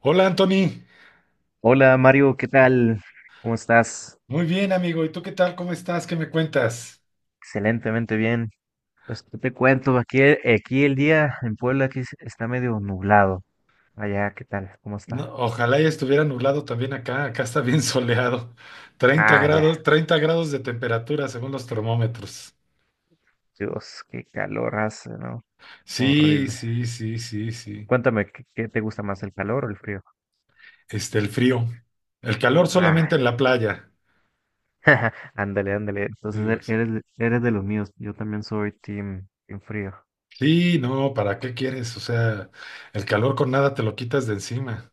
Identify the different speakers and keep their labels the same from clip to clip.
Speaker 1: Hola Anthony,
Speaker 2: Hola Mario, ¿qué tal? ¿Cómo estás?
Speaker 1: muy bien amigo, ¿y tú qué tal? ¿Cómo estás? ¿Qué me cuentas?
Speaker 2: Excelentemente bien. Pues ¿qué te cuento? Aquí, aquí el día en Puebla está medio nublado. Allá, ¿qué tal? ¿Cómo
Speaker 1: No,
Speaker 2: está?
Speaker 1: ojalá ya estuviera nublado también acá, acá está bien soleado, treinta
Speaker 2: Ah, ya.
Speaker 1: grados, 30 grados de temperatura según los termómetros.
Speaker 2: Dios, qué calor hace, ¿no?
Speaker 1: Sí,
Speaker 2: Horrible.
Speaker 1: sí, sí, sí, sí.
Speaker 2: Cuéntame, ¿qué te gusta más, el calor o el frío?
Speaker 1: El frío, el calor solamente
Speaker 2: Ah,
Speaker 1: en la playa.
Speaker 2: ándale, ándale. Entonces
Speaker 1: Digo,
Speaker 2: eres de los míos. Yo también soy team frío.
Speaker 1: sí, no, ¿para qué quieres? O sea, el calor con nada te lo quitas de encima.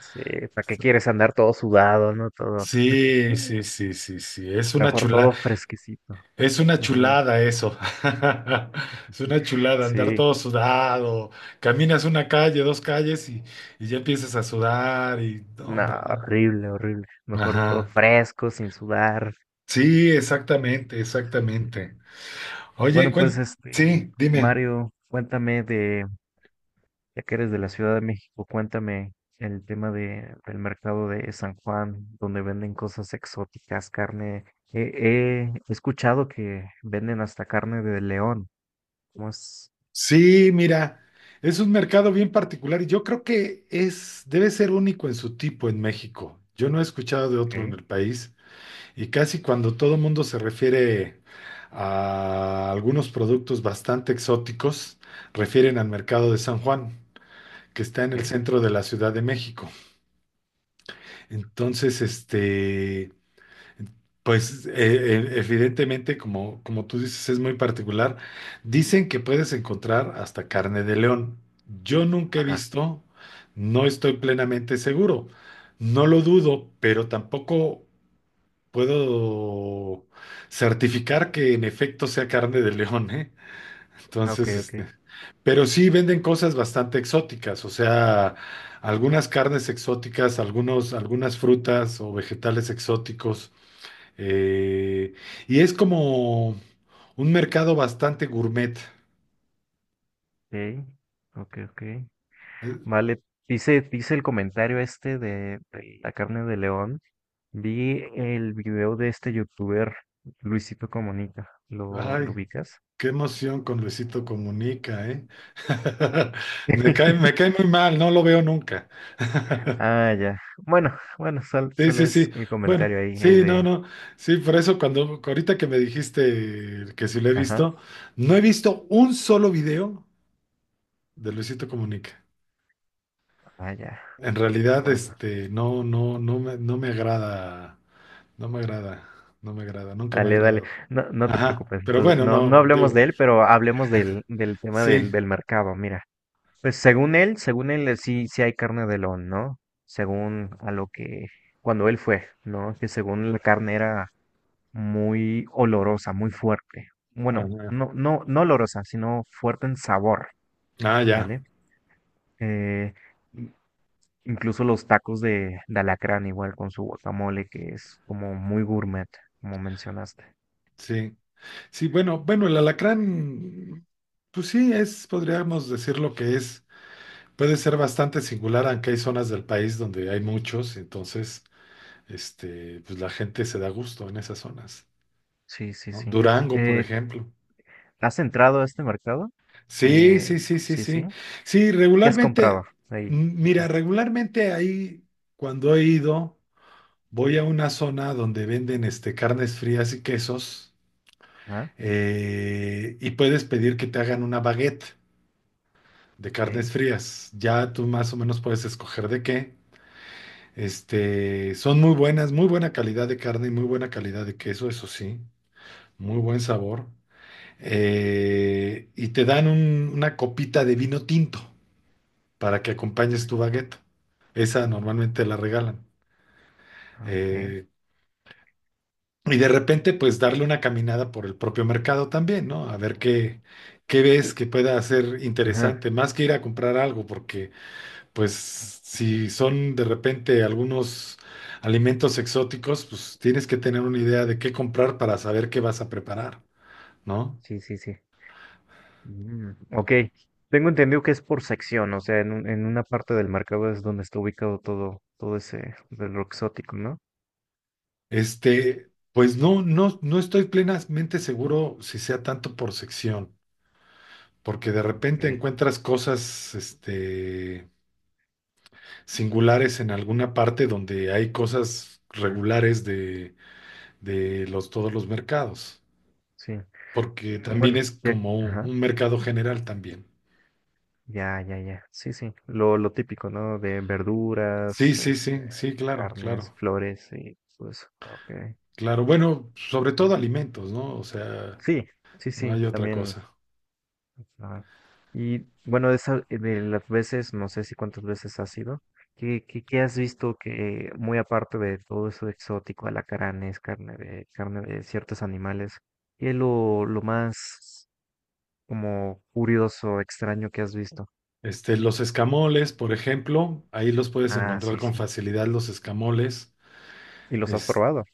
Speaker 2: Sí, ¿para qué quieres andar todo sudado, no? Todo,
Speaker 1: Sí, sí, sí, sí, sí, es una
Speaker 2: mejor
Speaker 1: chulada.
Speaker 2: todo fresquecito.
Speaker 1: Es una
Speaker 2: Ujú.
Speaker 1: chulada eso. Es una chulada andar
Speaker 2: Sí.
Speaker 1: todo sudado. Caminas una calle, dos calles y ya empiezas a sudar y no,
Speaker 2: No,
Speaker 1: hombre.
Speaker 2: horrible, horrible. Mejor todo
Speaker 1: Ajá.
Speaker 2: fresco, sin sudar.
Speaker 1: Sí,
Speaker 2: Ay,
Speaker 1: exactamente,
Speaker 2: sí, sí.
Speaker 1: exactamente. Oye,
Speaker 2: Bueno, pues
Speaker 1: sí, dime.
Speaker 2: Mario, ya que eres de la Ciudad de México, cuéntame el tema del mercado de San Juan, donde venden cosas exóticas, carne. He escuchado que venden hasta carne de león. ¿Cómo es?
Speaker 1: Sí, mira, es un mercado bien particular y yo creo que es, debe ser único en su tipo en México. Yo no he escuchado de otro en
Speaker 2: ¿Qué?
Speaker 1: el país. Y casi cuando todo el mundo se refiere a algunos productos bastante exóticos, refieren al mercado de San Juan, que está en el
Speaker 2: ¿Qué?
Speaker 1: centro de la Ciudad de México. Entonces, pues evidentemente, como, como tú dices, es muy particular. Dicen que puedes encontrar hasta carne de león. Yo nunca he
Speaker 2: Ajá.
Speaker 1: visto, no estoy plenamente seguro. No lo dudo, pero tampoco puedo certificar que en efecto sea carne de león, ¿eh?
Speaker 2: Ah, ok,
Speaker 1: Entonces,
Speaker 2: ok.
Speaker 1: pero sí venden cosas bastante exóticas, o sea, algunas carnes exóticas, algunos, algunas frutas o vegetales exóticos, eh, y es como un mercado bastante gourmet.
Speaker 2: Ok, ok, ok.
Speaker 1: Eh,
Speaker 2: Vale, dice el comentario este de la carne de león. Vi el video de este youtuber, Luisito Comunica. ¿Lo
Speaker 1: Ay,
Speaker 2: ubicas?
Speaker 1: qué emoción con Luisito Comunica, ¿eh? Me cae muy mal, no lo veo nunca.
Speaker 2: Ah, ya. Bueno, bueno,
Speaker 1: Sí,
Speaker 2: solo
Speaker 1: sí,
Speaker 2: es
Speaker 1: sí.
Speaker 2: el
Speaker 1: Bueno,
Speaker 2: comentario ahí
Speaker 1: sí, no,
Speaker 2: de...
Speaker 1: no. Sí, por eso cuando ahorita que me dijiste que sí lo he
Speaker 2: Ajá.
Speaker 1: visto, no he visto un solo video de Luisito Comunica.
Speaker 2: Ah, ya.
Speaker 1: En realidad,
Speaker 2: Bueno.
Speaker 1: no, no me agrada, no me agrada, no me agrada, nunca me ha
Speaker 2: Dale, dale.
Speaker 1: agradado.
Speaker 2: No, no te
Speaker 1: Ajá,
Speaker 2: preocupes.
Speaker 1: pero
Speaker 2: Entonces,
Speaker 1: bueno,
Speaker 2: no, no
Speaker 1: no,
Speaker 2: hablemos
Speaker 1: digo,
Speaker 2: de él, pero hablemos del tema
Speaker 1: sí.
Speaker 2: del mercado. Mira. Pues según él sí, sí hay carne de león, ¿no? Según a cuando él fue, ¿no? Que según la carne era muy olorosa, muy fuerte. Bueno,
Speaker 1: Ah,
Speaker 2: no olorosa, sino fuerte en sabor,
Speaker 1: ah, ya,
Speaker 2: ¿vale? Eh, i- incluso los tacos de alacrán, igual con su guacamole, que es como muy gourmet, como mencionaste.
Speaker 1: sí. Sí, bueno, bueno, el alacrán, pues sí, es, podríamos decir lo que es. Puede ser bastante singular, aunque hay zonas del país donde hay muchos, entonces, pues la gente se da gusto en esas zonas,
Speaker 2: Sí, sí,
Speaker 1: ¿no?
Speaker 2: sí.
Speaker 1: Durango, por
Speaker 2: Eh,
Speaker 1: ejemplo.
Speaker 2: ¿Has entrado a este mercado?
Speaker 1: Sí,
Speaker 2: Eh,
Speaker 1: sí, sí, sí,
Speaker 2: sí, sí.
Speaker 1: sí. Sí,
Speaker 2: ¿Qué has comprado
Speaker 1: regularmente,
Speaker 2: ahí?
Speaker 1: mira,
Speaker 2: Ajá.
Speaker 1: regularmente ahí, cuando he ido, voy a una zona donde venden carnes frías y quesos,
Speaker 2: Ah,
Speaker 1: y puedes pedir que te hagan una baguette de carnes
Speaker 2: ok.
Speaker 1: frías. Ya tú más o menos puedes escoger de qué. Este, son muy buenas, muy buena calidad de carne y muy buena calidad de queso, eso sí, muy buen sabor. Y te dan una copita de vino tinto para que acompañes tu baguette. Esa
Speaker 2: Sí, sí.
Speaker 1: normalmente la regalan.
Speaker 2: Ah, ok.
Speaker 1: Eh, y de repente, pues darle una caminada por el propio mercado también, ¿no? A ver qué, qué ves que pueda ser
Speaker 2: Ajá.
Speaker 1: interesante, más que ir a comprar algo, porque pues
Speaker 2: Ah,
Speaker 1: si
Speaker 2: ok.
Speaker 1: son de repente algunos alimentos exóticos, pues tienes que tener una idea de qué comprar para saber qué vas a preparar, ¿no?
Speaker 2: Sí, sí, sí. Mm, ok. Tengo entendido que es por sección, o sea, en una parte del mercado es donde está ubicado todo, todo ese del lo exótico, ¿no?
Speaker 1: Este, pues no, no estoy plenamente seguro si sea tanto por sección, porque de
Speaker 2: Ok.
Speaker 1: repente encuentras cosas, singulares en alguna parte donde hay cosas
Speaker 2: Ah,
Speaker 1: regulares de los, todos los mercados,
Speaker 2: sí.
Speaker 1: porque
Speaker 2: Mm,
Speaker 1: también
Speaker 2: bueno,
Speaker 1: es
Speaker 2: ya,
Speaker 1: como
Speaker 2: ajá.
Speaker 1: un mercado general también.
Speaker 2: Ya, ya, ya. Sí, sí. Lo típico, ¿no? De verduras,
Speaker 1: Sí, sí,
Speaker 2: este,
Speaker 1: sí, sí, claro,
Speaker 2: carnes,
Speaker 1: claro,
Speaker 2: flores y pues, ok.
Speaker 1: claro. Bueno, sobre
Speaker 2: Muy
Speaker 1: todo
Speaker 2: bien.
Speaker 1: alimentos, ¿no? O sea,
Speaker 2: Sí, sí,
Speaker 1: no
Speaker 2: sí.
Speaker 1: hay otra
Speaker 2: También
Speaker 1: cosa.
Speaker 2: ajá. Y bueno, de las veces, no sé si cuántas veces has ido, ¿qué has visto que, muy aparte de todo eso exótico, alacranes, carne de ciertos animales, qué es lo más como curioso, extraño que has visto?
Speaker 1: Este, los escamoles, por ejemplo, ahí los puedes
Speaker 2: Ah,
Speaker 1: encontrar
Speaker 2: sí,
Speaker 1: con
Speaker 2: sí.
Speaker 1: facilidad, los escamoles.
Speaker 2: ¿Y los has
Speaker 1: Es-
Speaker 2: probado?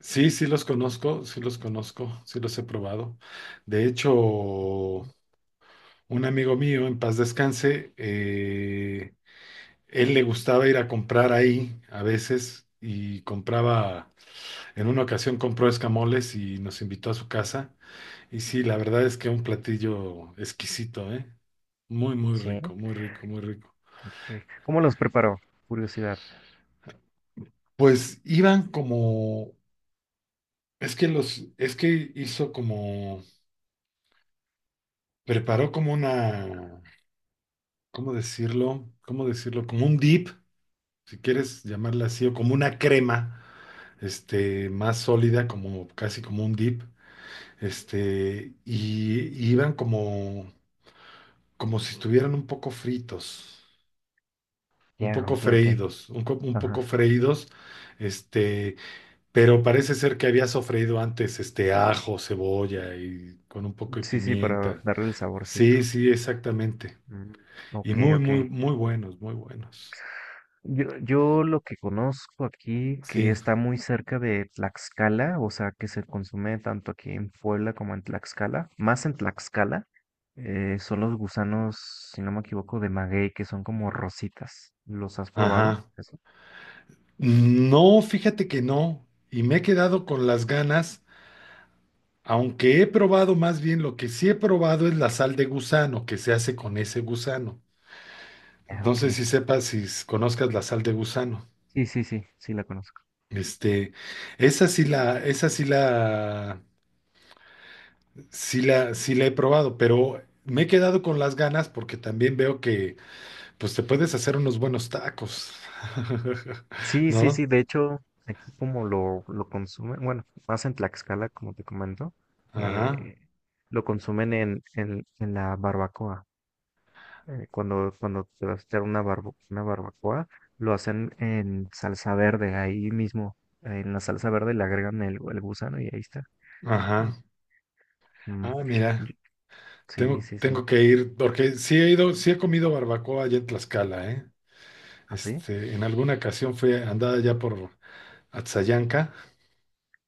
Speaker 1: sí, sí los conozco, sí los he probado. De hecho, un amigo mío, en paz descanse, él le gustaba ir a comprar ahí a veces y compraba, en una ocasión compró escamoles y nos invitó a su casa. Y sí, la verdad es que un platillo exquisito, ¿eh? Muy, muy
Speaker 2: Sí.
Speaker 1: rico, muy rico, muy rico.
Speaker 2: Ok. ¿Cómo los preparó? Curiosidad.
Speaker 1: Pues iban como, es que los, es que hizo como, preparó como una, ¿cómo decirlo? ¿Cómo decirlo? Como un dip, si quieres llamarla así, o como una crema, más sólida, como casi como un dip, y iban como, como si estuvieran un poco fritos. Un
Speaker 2: Ya,
Speaker 1: poco
Speaker 2: ok, ok.
Speaker 1: freídos, un poco
Speaker 2: Ajá.
Speaker 1: freídos, este, pero parece ser que había sofreído antes, ajo, cebolla y con un poco de
Speaker 2: Sí, sí, para
Speaker 1: pimienta.
Speaker 2: darle el saborcito.
Speaker 1: Sí, sí, exactamente.
Speaker 2: Mm,
Speaker 1: Y
Speaker 2: ok,
Speaker 1: muy,
Speaker 2: ok.
Speaker 1: muy, muy buenos, muy buenos.
Speaker 2: Yo lo que conozco aquí, que
Speaker 1: Sí,
Speaker 2: está muy cerca de Tlaxcala, o sea, que se consume tanto aquí en Puebla como en Tlaxcala, más en Tlaxcala, son los gusanos, si no me equivoco, de maguey, que son como rositas. ¿Los has probado?
Speaker 1: ajá.
Speaker 2: Eso.
Speaker 1: No, fíjate que no. Y me he quedado con las ganas, aunque he probado más bien, lo que sí he probado es la sal de gusano, que se hace con ese gusano.
Speaker 2: Ah,
Speaker 1: No
Speaker 2: ok.
Speaker 1: sé si sepas, si conozcas la sal de gusano.
Speaker 2: Sí, sí, sí, sí la conozco.
Speaker 1: Este, esa sí la, esa sí la, sí la he probado, pero me he quedado con las ganas porque también veo que, pues te puedes hacer unos buenos tacos,
Speaker 2: Sí, sí,
Speaker 1: ¿no?
Speaker 2: sí, de hecho, aquí como lo consumen, bueno, más en Tlaxcala, como te comento,
Speaker 1: Ajá,
Speaker 2: eh, lo consumen en la barbacoa. Eh, cuando, cuando te vas a echar una barbacoa, lo hacen en salsa verde, ahí mismo, en la salsa verde le agregan el gusano y ahí está. Mm,
Speaker 1: ajá.
Speaker 2: mm,
Speaker 1: Ah, mira,
Speaker 2: yo- sí, sí, sí.
Speaker 1: tengo que ir porque sí he ido, sí he comido barbacoa allá en Tlaxcala, ¿eh?
Speaker 2: Así
Speaker 1: Este, en alguna ocasión fui andada ya por Atzayanca,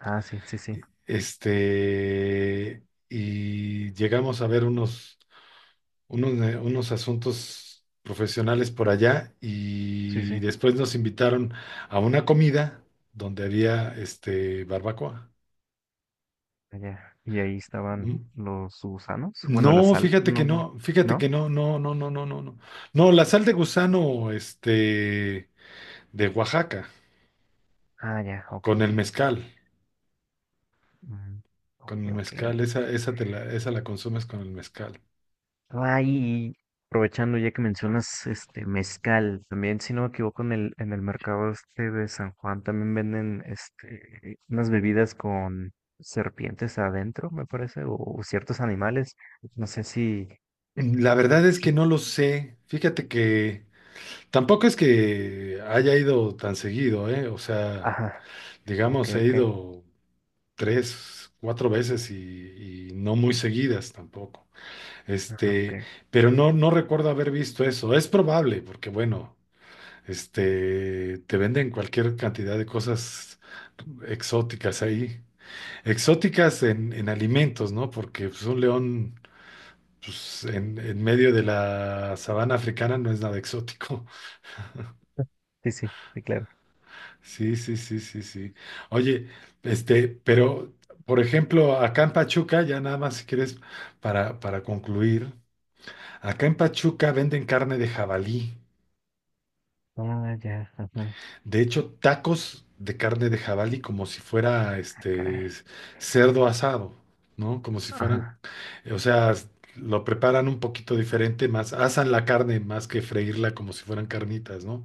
Speaker 2: ah, sí, sí, sí,
Speaker 1: este, y llegamos a ver unos unos, unos asuntos profesionales por allá
Speaker 2: sí,
Speaker 1: y
Speaker 2: sí.
Speaker 1: después nos invitaron a una comida donde había este barbacoa.
Speaker 2: Allá. Y ahí estaban
Speaker 1: Mm.
Speaker 2: los gusanos. Bueno, la
Speaker 1: No,
Speaker 2: sal,
Speaker 1: fíjate que
Speaker 2: no, bueno,
Speaker 1: no, fíjate que
Speaker 2: ¿no?
Speaker 1: no, no, no, no, no, no, no. No, la sal de gusano, de Oaxaca,
Speaker 2: Ah, ya, ok,
Speaker 1: con
Speaker 2: ok.
Speaker 1: el mezcal,
Speaker 2: Mm, ok,
Speaker 1: con el
Speaker 2: ok.
Speaker 1: mezcal, esa te la, esa la consumes con el mezcal.
Speaker 2: Ay, y aprovechando ya que mencionas este mezcal, también si no me equivoco en el mercado este de San Juan también venden este unas bebidas con serpientes adentro, me parece, o ciertos animales. No sé si,
Speaker 1: Mm, la verdad es que
Speaker 2: sí,
Speaker 1: no lo sé. Fíjate que tampoco es que haya ido tan seguido, ¿eh? O sea,
Speaker 2: ajá, ok,
Speaker 1: digamos, he
Speaker 2: ok,
Speaker 1: ido tres, cuatro veces y no muy seguidas tampoco.
Speaker 2: ajá, ok.
Speaker 1: Este, pero no, no recuerdo haber visto eso. Es probable, porque bueno, te venden cualquier cantidad de cosas exóticas ahí. Exóticas en alimentos, ¿no? Porque pues, un león pues, en medio de la sabana africana no es nada exótico.
Speaker 2: Sí, sí, sí, claro.
Speaker 1: Sí, sí, sí, sí, sí. Oye, pero, por ejemplo, acá en Pachuca, ya nada más si quieres para concluir, acá en Pachuca venden carne de jabalí.
Speaker 2: Ah, ya, ajá.
Speaker 1: De hecho, tacos de carne de jabalí como si fuera
Speaker 2: Ah, caray.
Speaker 1: este cerdo asado, ¿no? Como si fueran,
Speaker 2: Ajá,
Speaker 1: o sea, lo preparan un poquito diferente, más asan la carne más que freírla como si fueran carnitas, ¿no?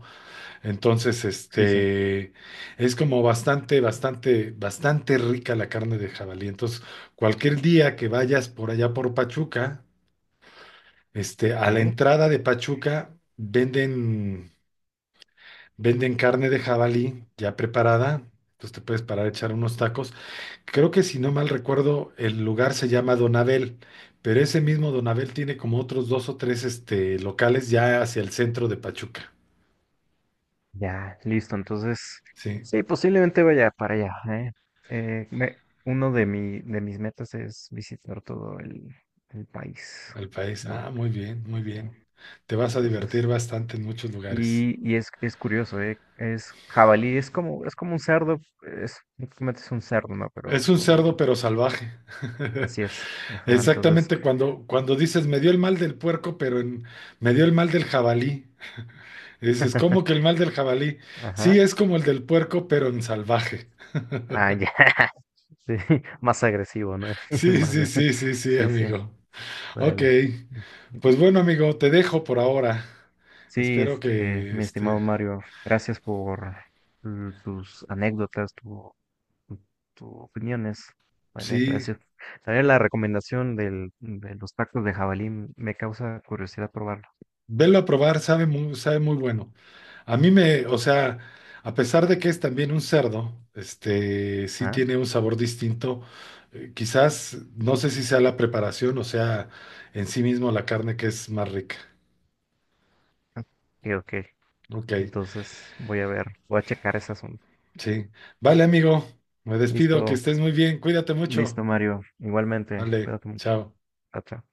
Speaker 1: Entonces,
Speaker 2: sí, sí.
Speaker 1: es como bastante, bastante, bastante rica la carne de jabalí. Entonces, cualquier día que vayas por allá por Pachuca, a la
Speaker 2: Ok.
Speaker 1: entrada de Pachuca venden, venden carne de jabalí ya preparada. Entonces te puedes parar a echar unos tacos. Creo que si no mal recuerdo, el lugar se llama Don Abel, pero ese mismo Don Abel tiene como otros dos o tres, locales ya hacia el centro de Pachuca.
Speaker 2: Ya, listo. Entonces,
Speaker 1: Sí.
Speaker 2: sí, posiblemente vaya para allá, ¿eh? Uno de de mis metas es visitar todo el país,
Speaker 1: Al país.
Speaker 2: ¿no?
Speaker 1: Ah, muy bien, muy
Speaker 2: Eh,
Speaker 1: bien. Te vas a
Speaker 2: entonces,
Speaker 1: divertir bastante en muchos lugares.
Speaker 2: y es curioso, ¿eh? Es jabalí, es como un cerdo, es, prácticamente es un cerdo, ¿no? Pero
Speaker 1: Es un
Speaker 2: con
Speaker 1: cerdo, pero salvaje.
Speaker 2: así es. Ajá, entonces,
Speaker 1: Exactamente cuando, cuando dices, me dio el mal del puerco, me dio el mal del jabalí. Y dices, ¿cómo que el mal del jabalí? Sí,
Speaker 2: ajá.
Speaker 1: es como el del puerco, pero en salvaje.
Speaker 2: Ah, ya, sí, más agresivo, ¿no? El
Speaker 1: Sí,
Speaker 2: más,
Speaker 1: sí, sí, sí, sí,
Speaker 2: sí, sí,
Speaker 1: amigo. Ok,
Speaker 2: dale.
Speaker 1: pues bueno, amigo, te dejo por ahora.
Speaker 2: Sí,
Speaker 1: Espero
Speaker 2: este,
Speaker 1: que,
Speaker 2: mi estimado Mario, gracias por mm, tus anécdotas, tu- tus opiniones. Vale,
Speaker 1: sí,
Speaker 2: gracias. También la recomendación de los tacos de jabalí me causa curiosidad probarlo.
Speaker 1: velo a probar, sabe muy bueno. A mí me, o sea, a pesar de que es también un cerdo, sí
Speaker 2: ¿Ah?
Speaker 1: tiene un sabor distinto. Quizás, no sé si sea la preparación o sea en sí mismo la carne que es más rica.
Speaker 2: Ah, ok, ok.
Speaker 1: Ok,
Speaker 2: Entonces voy a ver, voy a checar ese asunto.
Speaker 1: sí. Vale, amigo, me despido, que
Speaker 2: Listo,
Speaker 1: estés muy bien, cuídate mucho.
Speaker 2: listo, Mario. Igualmente,
Speaker 1: Vale,
Speaker 2: cuídate mucho.
Speaker 1: chao.
Speaker 2: Chao, chao.